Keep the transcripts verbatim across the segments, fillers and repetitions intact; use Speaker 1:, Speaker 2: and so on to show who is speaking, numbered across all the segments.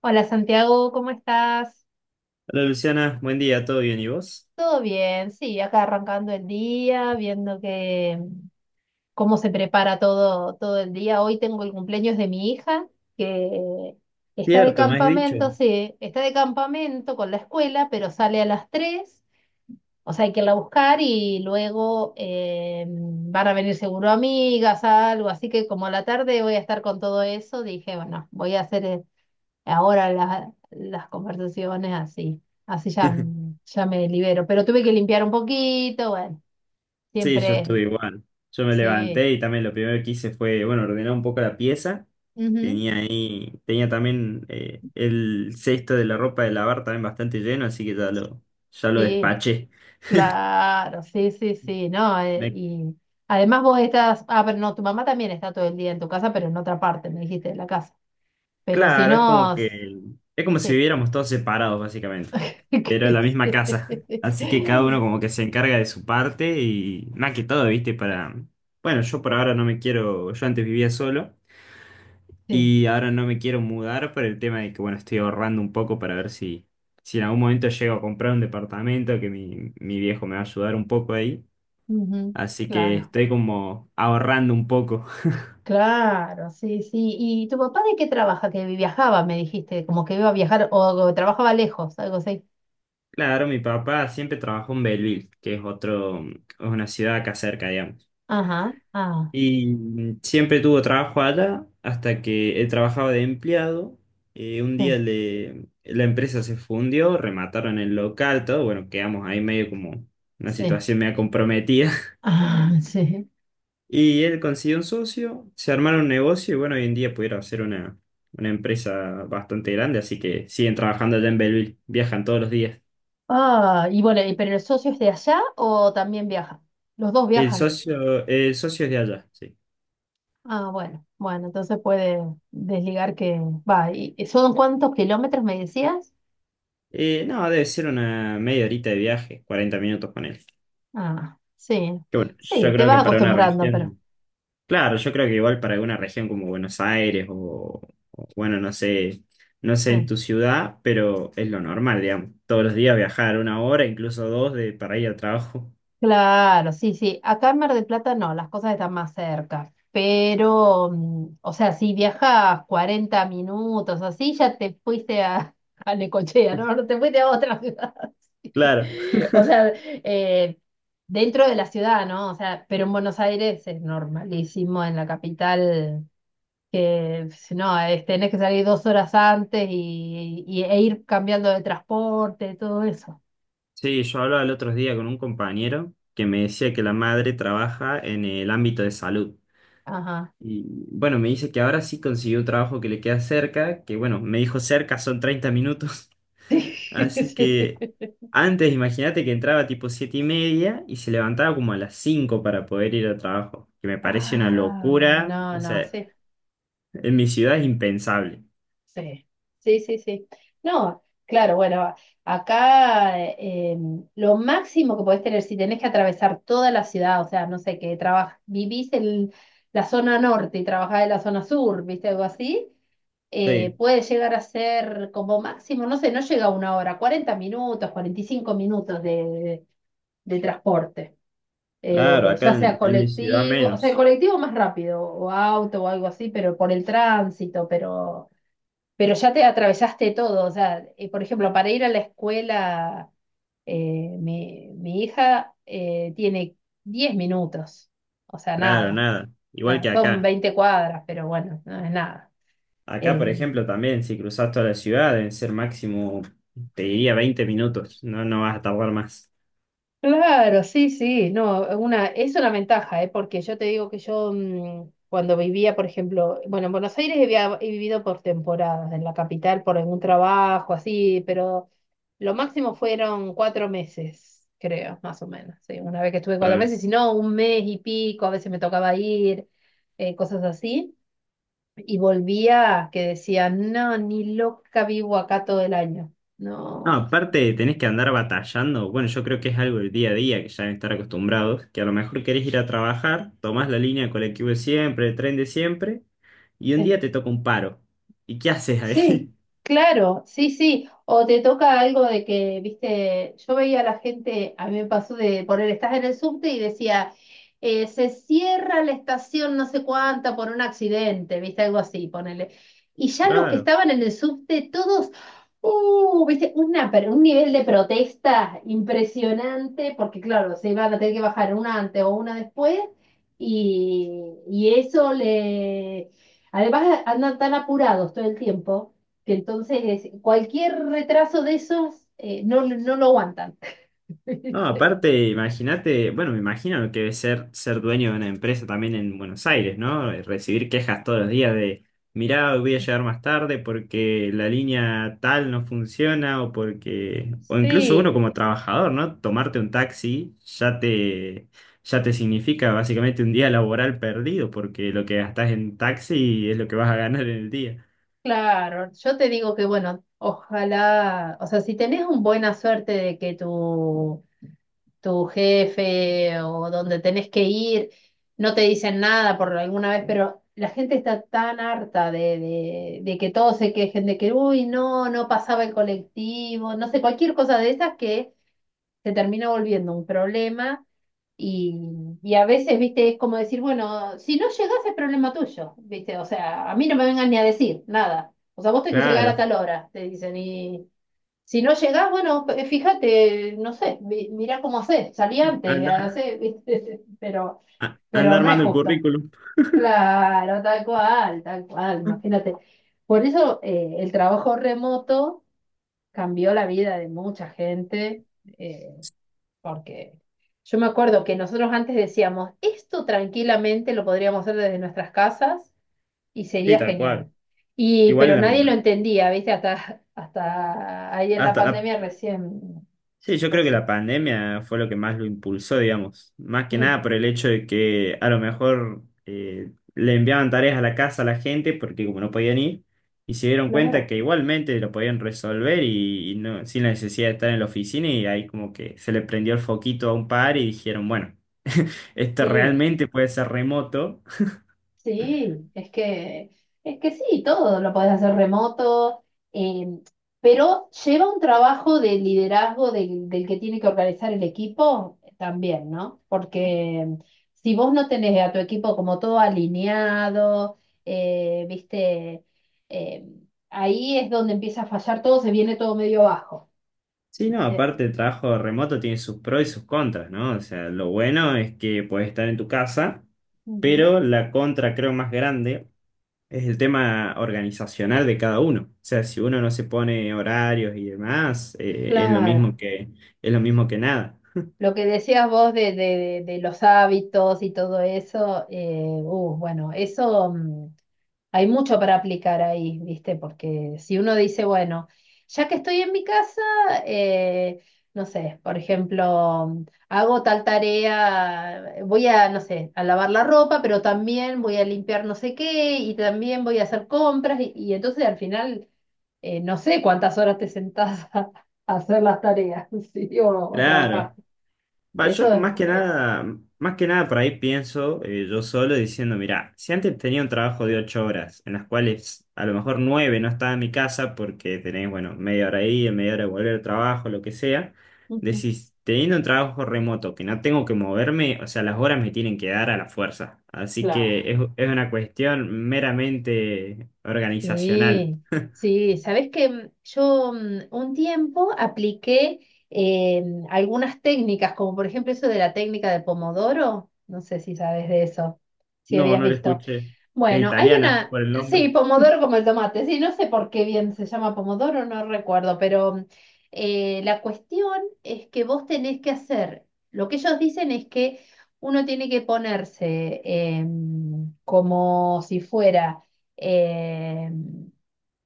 Speaker 1: Hola Santiago, ¿cómo estás?
Speaker 2: Hola Luciana, buen día, ¿todo bien y vos?
Speaker 1: Todo bien, sí, acá arrancando el día, viendo que cómo se prepara todo, todo el día. Hoy tengo el cumpleaños de mi hija, que está de
Speaker 2: Cierto, me has dicho.
Speaker 1: campamento, sí, está de campamento con la escuela, pero sale a las tres, o sea, hay que irla a buscar y luego eh, van a venir seguro amigas, algo, así que como a la tarde voy a estar con todo eso, dije, bueno, voy a hacer eh, ahora la- las conversaciones así, así ya, ya me libero, pero tuve que limpiar un poquito, bueno,
Speaker 2: Sí, yo
Speaker 1: siempre,
Speaker 2: estuve igual. Yo me
Speaker 1: sí,
Speaker 2: levanté y también lo primero que hice fue, bueno, ordenar un poco la pieza.
Speaker 1: ujú,
Speaker 2: Tenía ahí, tenía también eh, el cesto de la ropa de lavar también bastante lleno, así que ya lo, ya lo
Speaker 1: sí,
Speaker 2: despaché.
Speaker 1: claro, sí, sí, sí, no, eh,
Speaker 2: Me
Speaker 1: y además vos estás, ah, pero no, tu mamá también está todo el día en tu casa, pero en otra parte, me dijiste, de la casa, pero si
Speaker 2: Claro, es como
Speaker 1: no, s-
Speaker 2: que es como si
Speaker 1: sí,
Speaker 2: viviéramos todos separados, básicamente. Pero en
Speaker 1: que
Speaker 2: la
Speaker 1: sí,
Speaker 2: misma casa. Así que cada uno como que se encarga de su parte y más que todo, ¿viste? Para... Bueno, yo por ahora no me quiero, yo antes vivía solo
Speaker 1: sí,
Speaker 2: y ahora no me quiero mudar por el tema de que, bueno, estoy ahorrando un poco para ver si, si en algún momento llego a comprar un departamento, que mi, mi viejo me va a ayudar un poco ahí.
Speaker 1: ujú,
Speaker 2: Así que
Speaker 1: claro.
Speaker 2: estoy como ahorrando un poco.
Speaker 1: Claro, sí, sí. ¿Y tu papá de qué trabaja? Que viajaba, me dijiste, como que iba a viajar o, o trabajaba lejos, algo así.
Speaker 2: Claro, mi papá siempre trabajó en Belleville, que es otro, es una ciudad acá cerca, digamos.
Speaker 1: Ajá, ah,
Speaker 2: Y siempre tuvo trabajo allá hasta que él trabajaba de empleado. Eh, un día
Speaker 1: sí,
Speaker 2: le- la empresa se fundió, remataron el local, todo. Bueno, quedamos ahí medio como una
Speaker 1: sí,
Speaker 2: situación medio comprometida.
Speaker 1: ah, sí.
Speaker 2: Y él consiguió un socio, se armaron un negocio y bueno, hoy en día pudieron hacer una, una empresa bastante grande, así que siguen trabajando allá en Belleville, viajan todos los días.
Speaker 1: Ah, y bueno, ¿y ¿pero el socio es de allá o también viaja? Los dos
Speaker 2: El
Speaker 1: viajan.
Speaker 2: socio, el socio es de allá, sí.
Speaker 1: Ah, bueno, bueno, entonces puede desligar que va. ¿Y y son cuántos kilómetros me decías?
Speaker 2: Eh, no, debe ser una media horita de viaje, cuarenta minutos con él.
Speaker 1: Ah, sí,
Speaker 2: Que bueno,
Speaker 1: sí,
Speaker 2: yo
Speaker 1: te
Speaker 2: creo que
Speaker 1: vas
Speaker 2: para una
Speaker 1: acostumbrando, pero
Speaker 2: región, claro, yo creo que igual para una región como Buenos Aires o, o, bueno, no sé, no sé en
Speaker 1: sí.
Speaker 2: tu ciudad, pero es lo normal, digamos. Todos los días viajar una hora, incluso dos, de, para ir al trabajo.
Speaker 1: Claro, sí, sí. Acá en Mar del Plata no, las cosas están más cerca. Pero, mm, o sea, si viajas cuarenta minutos así, ya te fuiste a, a Necochea, ¿no? No te fuiste a otra ciudad.
Speaker 2: Claro.
Speaker 1: O sea, eh, dentro de la ciudad, ¿no? O sea, pero en Buenos Aires es normalísimo, en la capital, que si no, es- tenés que salir dos horas antes y, y- e ir cambiando de transporte, todo eso.
Speaker 2: Sí, yo hablaba el otro día con un compañero que me decía que la madre trabaja en el ámbito de salud.
Speaker 1: Ajá.
Speaker 2: Y bueno, me dice que ahora sí consiguió un trabajo que le queda cerca, que bueno, me dijo cerca son treinta minutos. Así
Speaker 1: Sí.
Speaker 2: que antes imagínate que entraba tipo siete y media y se levantaba como a las cinco para poder ir al trabajo, que me parece una
Speaker 1: Ah,
Speaker 2: locura,
Speaker 1: no,
Speaker 2: o
Speaker 1: no,
Speaker 2: sea,
Speaker 1: sí,
Speaker 2: en mi ciudad es impensable.
Speaker 1: sí, sí, sí, sí. No, claro, bueno, acá eh, em, lo máximo que podés tener, si tenés que atravesar toda la ciudad, o sea, no sé, que trabajas, vivís en la zona norte y trabajás en la zona sur, ¿viste? Algo así, eh,
Speaker 2: Sí,
Speaker 1: puede llegar a ser como máximo, no sé, no llega a una hora, cuarenta minutos, cuarenta y cinco minutos de, de transporte.
Speaker 2: claro,
Speaker 1: Eh,
Speaker 2: acá
Speaker 1: ya sea
Speaker 2: en, en, mi ciudad
Speaker 1: colectivo, o sea, el
Speaker 2: menos,
Speaker 1: colectivo más rápido, o auto o algo así, pero por el tránsito, pero, pero ya te atravesaste todo. O sea, eh, por ejemplo, para ir a la escuela, eh, mi, mi hija eh, tiene diez minutos, o sea,
Speaker 2: claro,
Speaker 1: nada,
Speaker 2: nada, igual
Speaker 1: nada,
Speaker 2: que
Speaker 1: son
Speaker 2: acá.
Speaker 1: veinte cuadras, pero bueno, no es nada.
Speaker 2: Acá,
Speaker 1: Eh,
Speaker 2: por ejemplo, también si cruzas toda la ciudad deben ser máximo, te diría veinte minutos, no, no vas a tardar más.
Speaker 1: Claro, sí, sí, no, una, es una ventaja, ¿eh? Porque yo te digo que yo mm, cuando vivía, por ejemplo, bueno, en Buenos Aires he, he vivido por temporadas, en la capital por algún trabajo, así, pero lo máximo fueron cuatro meses, creo, más o menos, sí, una vez que estuve cuatro
Speaker 2: Claro.
Speaker 1: meses, si no, un mes y pico, a veces me tocaba ir, eh, cosas así, y volvía que decía, no, ni loca vivo acá todo el año,
Speaker 2: No,
Speaker 1: no.
Speaker 2: aparte tenés que andar batallando. Bueno, yo creo que es algo del día a día que ya deben estar acostumbrados, que a lo mejor querés ir a trabajar, tomás la línea de colectivo de siempre, el tren de siempre, y un día te toca un paro. ¿Y qué haces
Speaker 1: Sí,
Speaker 2: ahí?
Speaker 1: claro, sí, sí. O te toca algo de que, viste, yo veía a la gente, a mí me pasó de poner, estás en el subte y decía, eh, se cierra la estación no sé cuánta por un accidente, viste, algo así, ponele. Y ya los que
Speaker 2: Claro.
Speaker 1: estaban en el subte, todos, uh, viste, una, per- un nivel de protesta impresionante, porque claro, se iban a tener que bajar una antes o una después, y, y eso le Además, andan tan apurados todo el tiempo que entonces cualquier retraso de esos eh, no, no lo aguantan.
Speaker 2: No,
Speaker 1: ¿Viste?
Speaker 2: aparte, imagínate, bueno, me imagino lo que debe ser ser dueño de una empresa también en Buenos Aires, ¿no? Eh, Recibir quejas todos los días de, mirá, hoy voy a llegar más tarde porque la línea tal no funciona o porque, o incluso uno
Speaker 1: Sí,
Speaker 2: como trabajador, ¿no? Tomarte un taxi ya te, ya te significa básicamente un día laboral perdido porque lo que gastás en taxi es lo que vas a ganar en el día.
Speaker 1: claro. Yo te digo que, bueno, ojalá, o sea, si tenés una buena suerte de que tu, tu jefe o donde tenés que ir no te dicen nada por alguna vez, pero la gente está tan harta de, de, de que todos se quejen, de que, uy, no, no pasaba el colectivo, no sé, cualquier cosa de esas que se termina volviendo un problema y, y a veces, viste, es como decir, bueno, si no llegás es problema tuyo, viste, o sea, a mí no me vengan ni a decir nada, o sea, vos tenés que llegar a
Speaker 2: Claro,
Speaker 1: tal hora, te dicen, y si no llegás, bueno, p- fíjate, no sé, mi- mirá cómo hacés, salí antes,
Speaker 2: anda,
Speaker 1: hacé, viste, pero,
Speaker 2: a- anda
Speaker 1: pero no es
Speaker 2: armando el
Speaker 1: justo.
Speaker 2: currículum.
Speaker 1: Claro, tal cual, tal cual, imagínate. Por eso eh, el trabajo remoto cambió la vida de mucha gente. eh, Porque yo me acuerdo que nosotros antes decíamos, esto tranquilamente lo podríamos hacer desde nuestras casas y
Speaker 2: Sí,
Speaker 1: sería
Speaker 2: tal
Speaker 1: genial.
Speaker 2: cual.
Speaker 1: Y,
Speaker 2: Igual
Speaker 1: pero
Speaker 2: en
Speaker 1: nadie lo
Speaker 2: la-
Speaker 1: entendía, ¿viste? Hasta, hasta ahí en la
Speaker 2: hasta la
Speaker 1: pandemia recién,
Speaker 2: Sí, yo creo que
Speaker 1: recién.
Speaker 2: la pandemia fue lo que más lo impulsó, digamos. Más que
Speaker 1: Mm,
Speaker 2: nada por el hecho de que a lo mejor eh, le enviaban tareas a la casa a la gente porque como no podían ir, y se dieron cuenta
Speaker 1: claro,
Speaker 2: que igualmente lo podían resolver y, y no, sin la necesidad de estar en la oficina y ahí como que se le prendió el foquito a un par y dijeron, bueno, esto
Speaker 1: sí.
Speaker 2: realmente puede ser remoto.
Speaker 1: Sí, es que, es que sí, todo lo podés hacer remoto, eh, pero lleva un trabajo de liderazgo del, del que tiene que organizar el equipo también, ¿no? Porque si vos no tenés a tu equipo como todo alineado, eh, viste, eh, ahí es donde empieza a fallar todo, se viene todo medio bajo,
Speaker 2: Sí, no,
Speaker 1: ¿viste?
Speaker 2: aparte el trabajo remoto tiene sus pros y sus contras, ¿no? O sea, lo bueno es que puedes estar en tu casa.
Speaker 1: Ujú.
Speaker 2: Pero la contra, creo, más grande es el tema organizacional de cada uno. O sea, si uno no se pone horarios y demás, eh, es lo
Speaker 1: Claro.
Speaker 2: mismo que, es lo mismo que nada.
Speaker 1: Lo que decías vos de, de- de- de los hábitos y todo eso, eh, uh, bueno, eso mm, hay mucho para aplicar ahí, ¿viste? Porque si uno dice, bueno, ya que estoy en mi casa, eh, no sé, por ejemplo, mm, hago tal tarea, voy a, no sé, a lavar la ropa, pero también voy a limpiar no sé qué y también voy a hacer compras y, y entonces al final, eh, no sé cuántas horas te sentás a, a hacer las tareas, ¿sí? O a trabajar.
Speaker 2: Claro.
Speaker 1: Eso
Speaker 2: Bioshock,
Speaker 1: es,
Speaker 2: más que
Speaker 1: es-
Speaker 2: nada, más que nada por ahí pienso eh, yo solo diciendo, mira, si antes tenía un trabajo de ocho horas, en las cuales a lo mejor nueve no estaba en mi casa porque tenés, bueno, media hora ahí, media hora de volver al trabajo, lo que sea,
Speaker 1: Ujú.
Speaker 2: decís, teniendo un trabajo remoto que no tengo que moverme, o sea, las horas me tienen que dar a la fuerza. Así
Speaker 1: Claro.
Speaker 2: que es, es una cuestión meramente organizacional.
Speaker 1: Sí, sí, sabes que mm, yo mm, un tiempo apliqué eh, algunas técnicas, como por ejemplo eso de la técnica de Pomodoro, no sé si sabes de eso, si
Speaker 2: No,
Speaker 1: habías
Speaker 2: no lo
Speaker 1: visto.
Speaker 2: escuché. Es
Speaker 1: Bueno, hay
Speaker 2: italiana
Speaker 1: una,
Speaker 2: por el
Speaker 1: sí,
Speaker 2: nombre.
Speaker 1: pomodoro como el tomate, sí, no sé por qué bien se llama pomodoro, no recuerdo, pero eh, la cuestión es que vos tenés que hacer, lo que ellos dicen es que uno tiene que ponerse em, como si fuera em,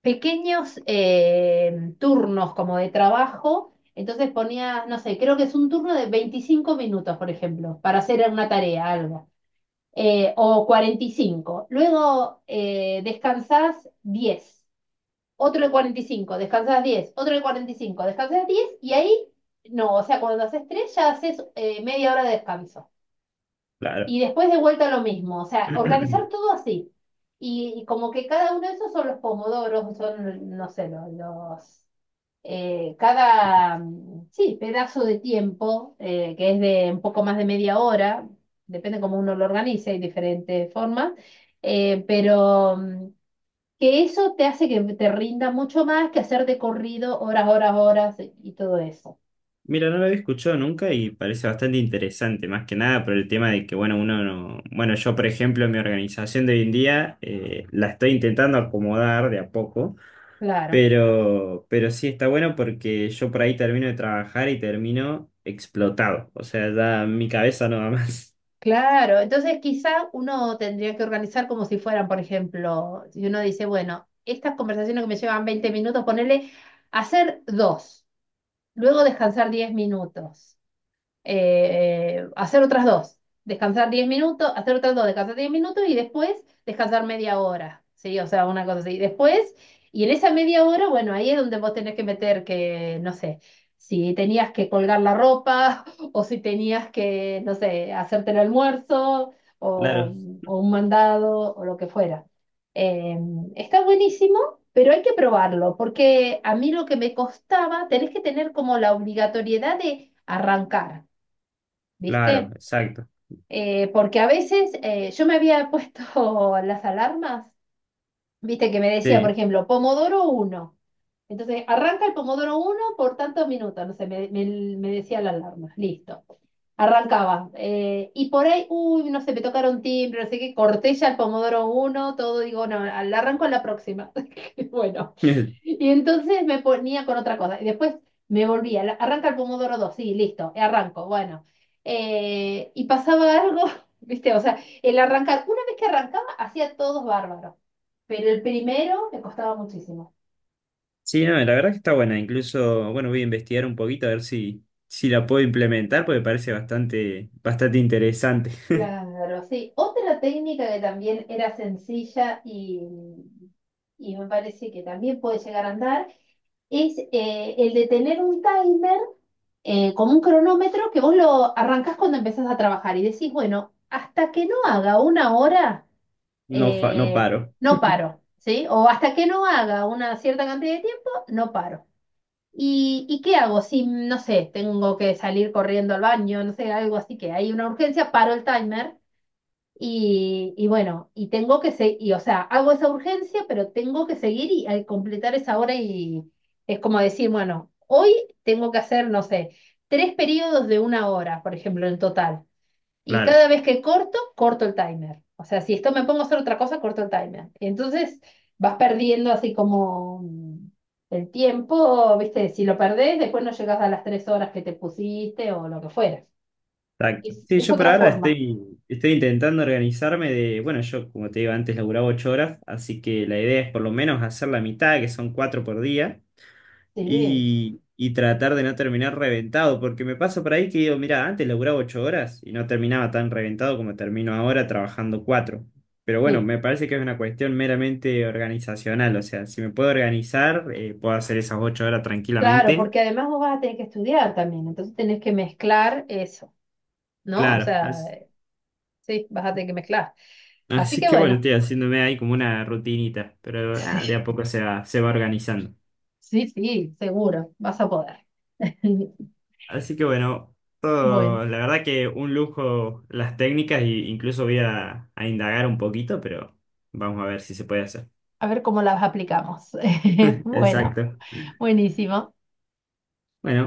Speaker 1: pequeños em, turnos como de trabajo, entonces ponías, no sé, creo que es un turno de veinticinco minutos, por ejemplo, para hacer una tarea, algo eh, o cuarenta y cinco. Luego eh, descansás diez, otro de cuarenta y cinco, descansás diez, otro de cuarenta y cinco, descansás diez y ahí no, o sea, cuando haces tres ya haces eh, media hora de descanso.
Speaker 2: Claro.
Speaker 1: Y después de vuelta lo mismo, o sea, organizar todo así. Y, y como que cada uno de esos son los pomodoros, son, no sé, los, los eh, cada, mm, sí, pedazo de tiempo, eh, que es de un poco más de media hora, depende cómo uno lo organice, hay diferentes formas, eh, pero mm, que eso te hace que te rinda mucho más que hacer de corrido horas, horas, horas y todo eso.
Speaker 2: Mira, no lo había escuchado nunca y parece bastante interesante, más que nada por el tema de que, bueno, uno no... Bueno, yo, por ejemplo, mi organización de hoy en día eh, la estoy intentando acomodar de a poco,
Speaker 1: Claro,
Speaker 2: pero, pero sí está bueno porque yo por ahí termino de trabajar y termino explotado, o sea, ya mi cabeza no va más.
Speaker 1: claro. Entonces quizá uno tendría que organizar como si fueran, por ejemplo, si uno dice, bueno, estas conversaciones que me llevan veinte minutos, ponerle hacer dos, luego descansar diez minutos. Eh, hacer otras dos, descansar diez minutos, hacer otras dos, descansar diez minutos y después descansar media hora, ¿sí? O sea, una cosa así. Después, y en esa media hora, bueno, ahí es donde vos tenés que meter que, no sé, si tenías que colgar la ropa o si tenías que, no sé, hacerte el almuerzo o,
Speaker 2: Claro,
Speaker 1: o un mandado o lo que fuera. Eh, Está buenísimo. Pero hay que probarlo, porque a mí lo que me costaba, tenés que tener como la obligatoriedad de arrancar.
Speaker 2: claro,
Speaker 1: ¿Viste?
Speaker 2: exacto.
Speaker 1: Eh, porque a veces eh, yo me había puesto las alarmas, ¿viste? Que me decía, por
Speaker 2: Sí.
Speaker 1: ejemplo, Pomodoro uno. Entonces, arranca el Pomodoro uno por tantos minutos, no sé, me, me- me decía la alarma, listo. Arrancaba. Eh, y por ahí, uy, no sé, me tocaron timbre, no sé qué, corté ya el pomodoro uno, todo, digo, no, al arranco en la próxima. Y bueno. Y entonces me ponía con otra cosa. Y después me volvía, la- arranca el pomodoro dos, sí, listo, arranco, bueno. Eh, y pasaba algo, ¿viste? O sea, el arrancar, una vez que arrancaba, hacía todos bárbaros. Pero el primero me costaba muchísimo.
Speaker 2: Sí, no, la verdad que está buena, incluso, bueno, voy a investigar un poquito a ver si, si, la puedo implementar porque parece bastante, bastante interesante.
Speaker 1: Claro, sí. Otra técnica que también era sencilla y, y me parece que también puede llegar a andar es eh, el de tener un timer eh, como un cronómetro que vos lo arrancás cuando empezás a trabajar y decís, bueno, hasta que no haga una hora,
Speaker 2: No, fa- no
Speaker 1: eh,
Speaker 2: paro.
Speaker 1: no paro, ¿sí? O hasta que no haga una cierta cantidad de tiempo, no paro. ¿Y, y qué hago? Si, no sé, tengo que salir corriendo al baño, no sé, algo así que hay una urgencia, paro el timer y, y bueno, y tengo que seguir, o sea, hago esa urgencia, pero tengo que seguir y al completar esa hora y es como decir, bueno, hoy tengo que hacer, no sé, tres periodos de una hora, por ejemplo, en total. Y
Speaker 2: Claro,
Speaker 1: cada vez que corto, corto el timer. O sea, si esto me pongo a hacer otra cosa, corto el timer. Entonces vas perdiendo así como mm, el tiempo, ¿viste? Si lo perdés, después no llegas a las tres horas que te pusiste o lo que fuera.
Speaker 2: exacto.
Speaker 1: Es,
Speaker 2: Sí,
Speaker 1: es
Speaker 2: yo por
Speaker 1: otra
Speaker 2: ahora
Speaker 1: forma.
Speaker 2: estoy, estoy intentando organizarme de, bueno, yo como te digo antes laburaba ocho horas, así que la idea es por lo menos hacer la mitad, que son cuatro por día,
Speaker 1: Sí,
Speaker 2: y, y tratar de no terminar reventado, porque me pasa por ahí que digo, mira, antes laburaba ocho horas y no terminaba tan reventado como termino ahora trabajando cuatro. Pero bueno,
Speaker 1: sí.
Speaker 2: me parece que es una cuestión meramente organizacional, o sea, si me puedo organizar, eh, puedo hacer esas ocho horas
Speaker 1: Claro,
Speaker 2: tranquilamente.
Speaker 1: porque además vos vas a tener que estudiar también, entonces tenés que mezclar eso, ¿no? O
Speaker 2: Claro,
Speaker 1: sea,
Speaker 2: as-
Speaker 1: eh, sí, vas a tener que mezclar. Así
Speaker 2: así
Speaker 1: que
Speaker 2: que bueno,
Speaker 1: bueno,
Speaker 2: estoy haciéndome ahí como una rutinita, pero ah, de a
Speaker 1: sí,
Speaker 2: poco se va, se va, organizando.
Speaker 1: sí, sí, seguro, vas a poder.
Speaker 2: Así que bueno,
Speaker 1: Bueno,
Speaker 2: todo, la verdad que un lujo las técnicas e incluso voy a, a, indagar un poquito, pero vamos a ver si se puede hacer.
Speaker 1: a ver cómo las aplicamos. Bueno,
Speaker 2: Exacto.
Speaker 1: buenísimo.
Speaker 2: Bueno,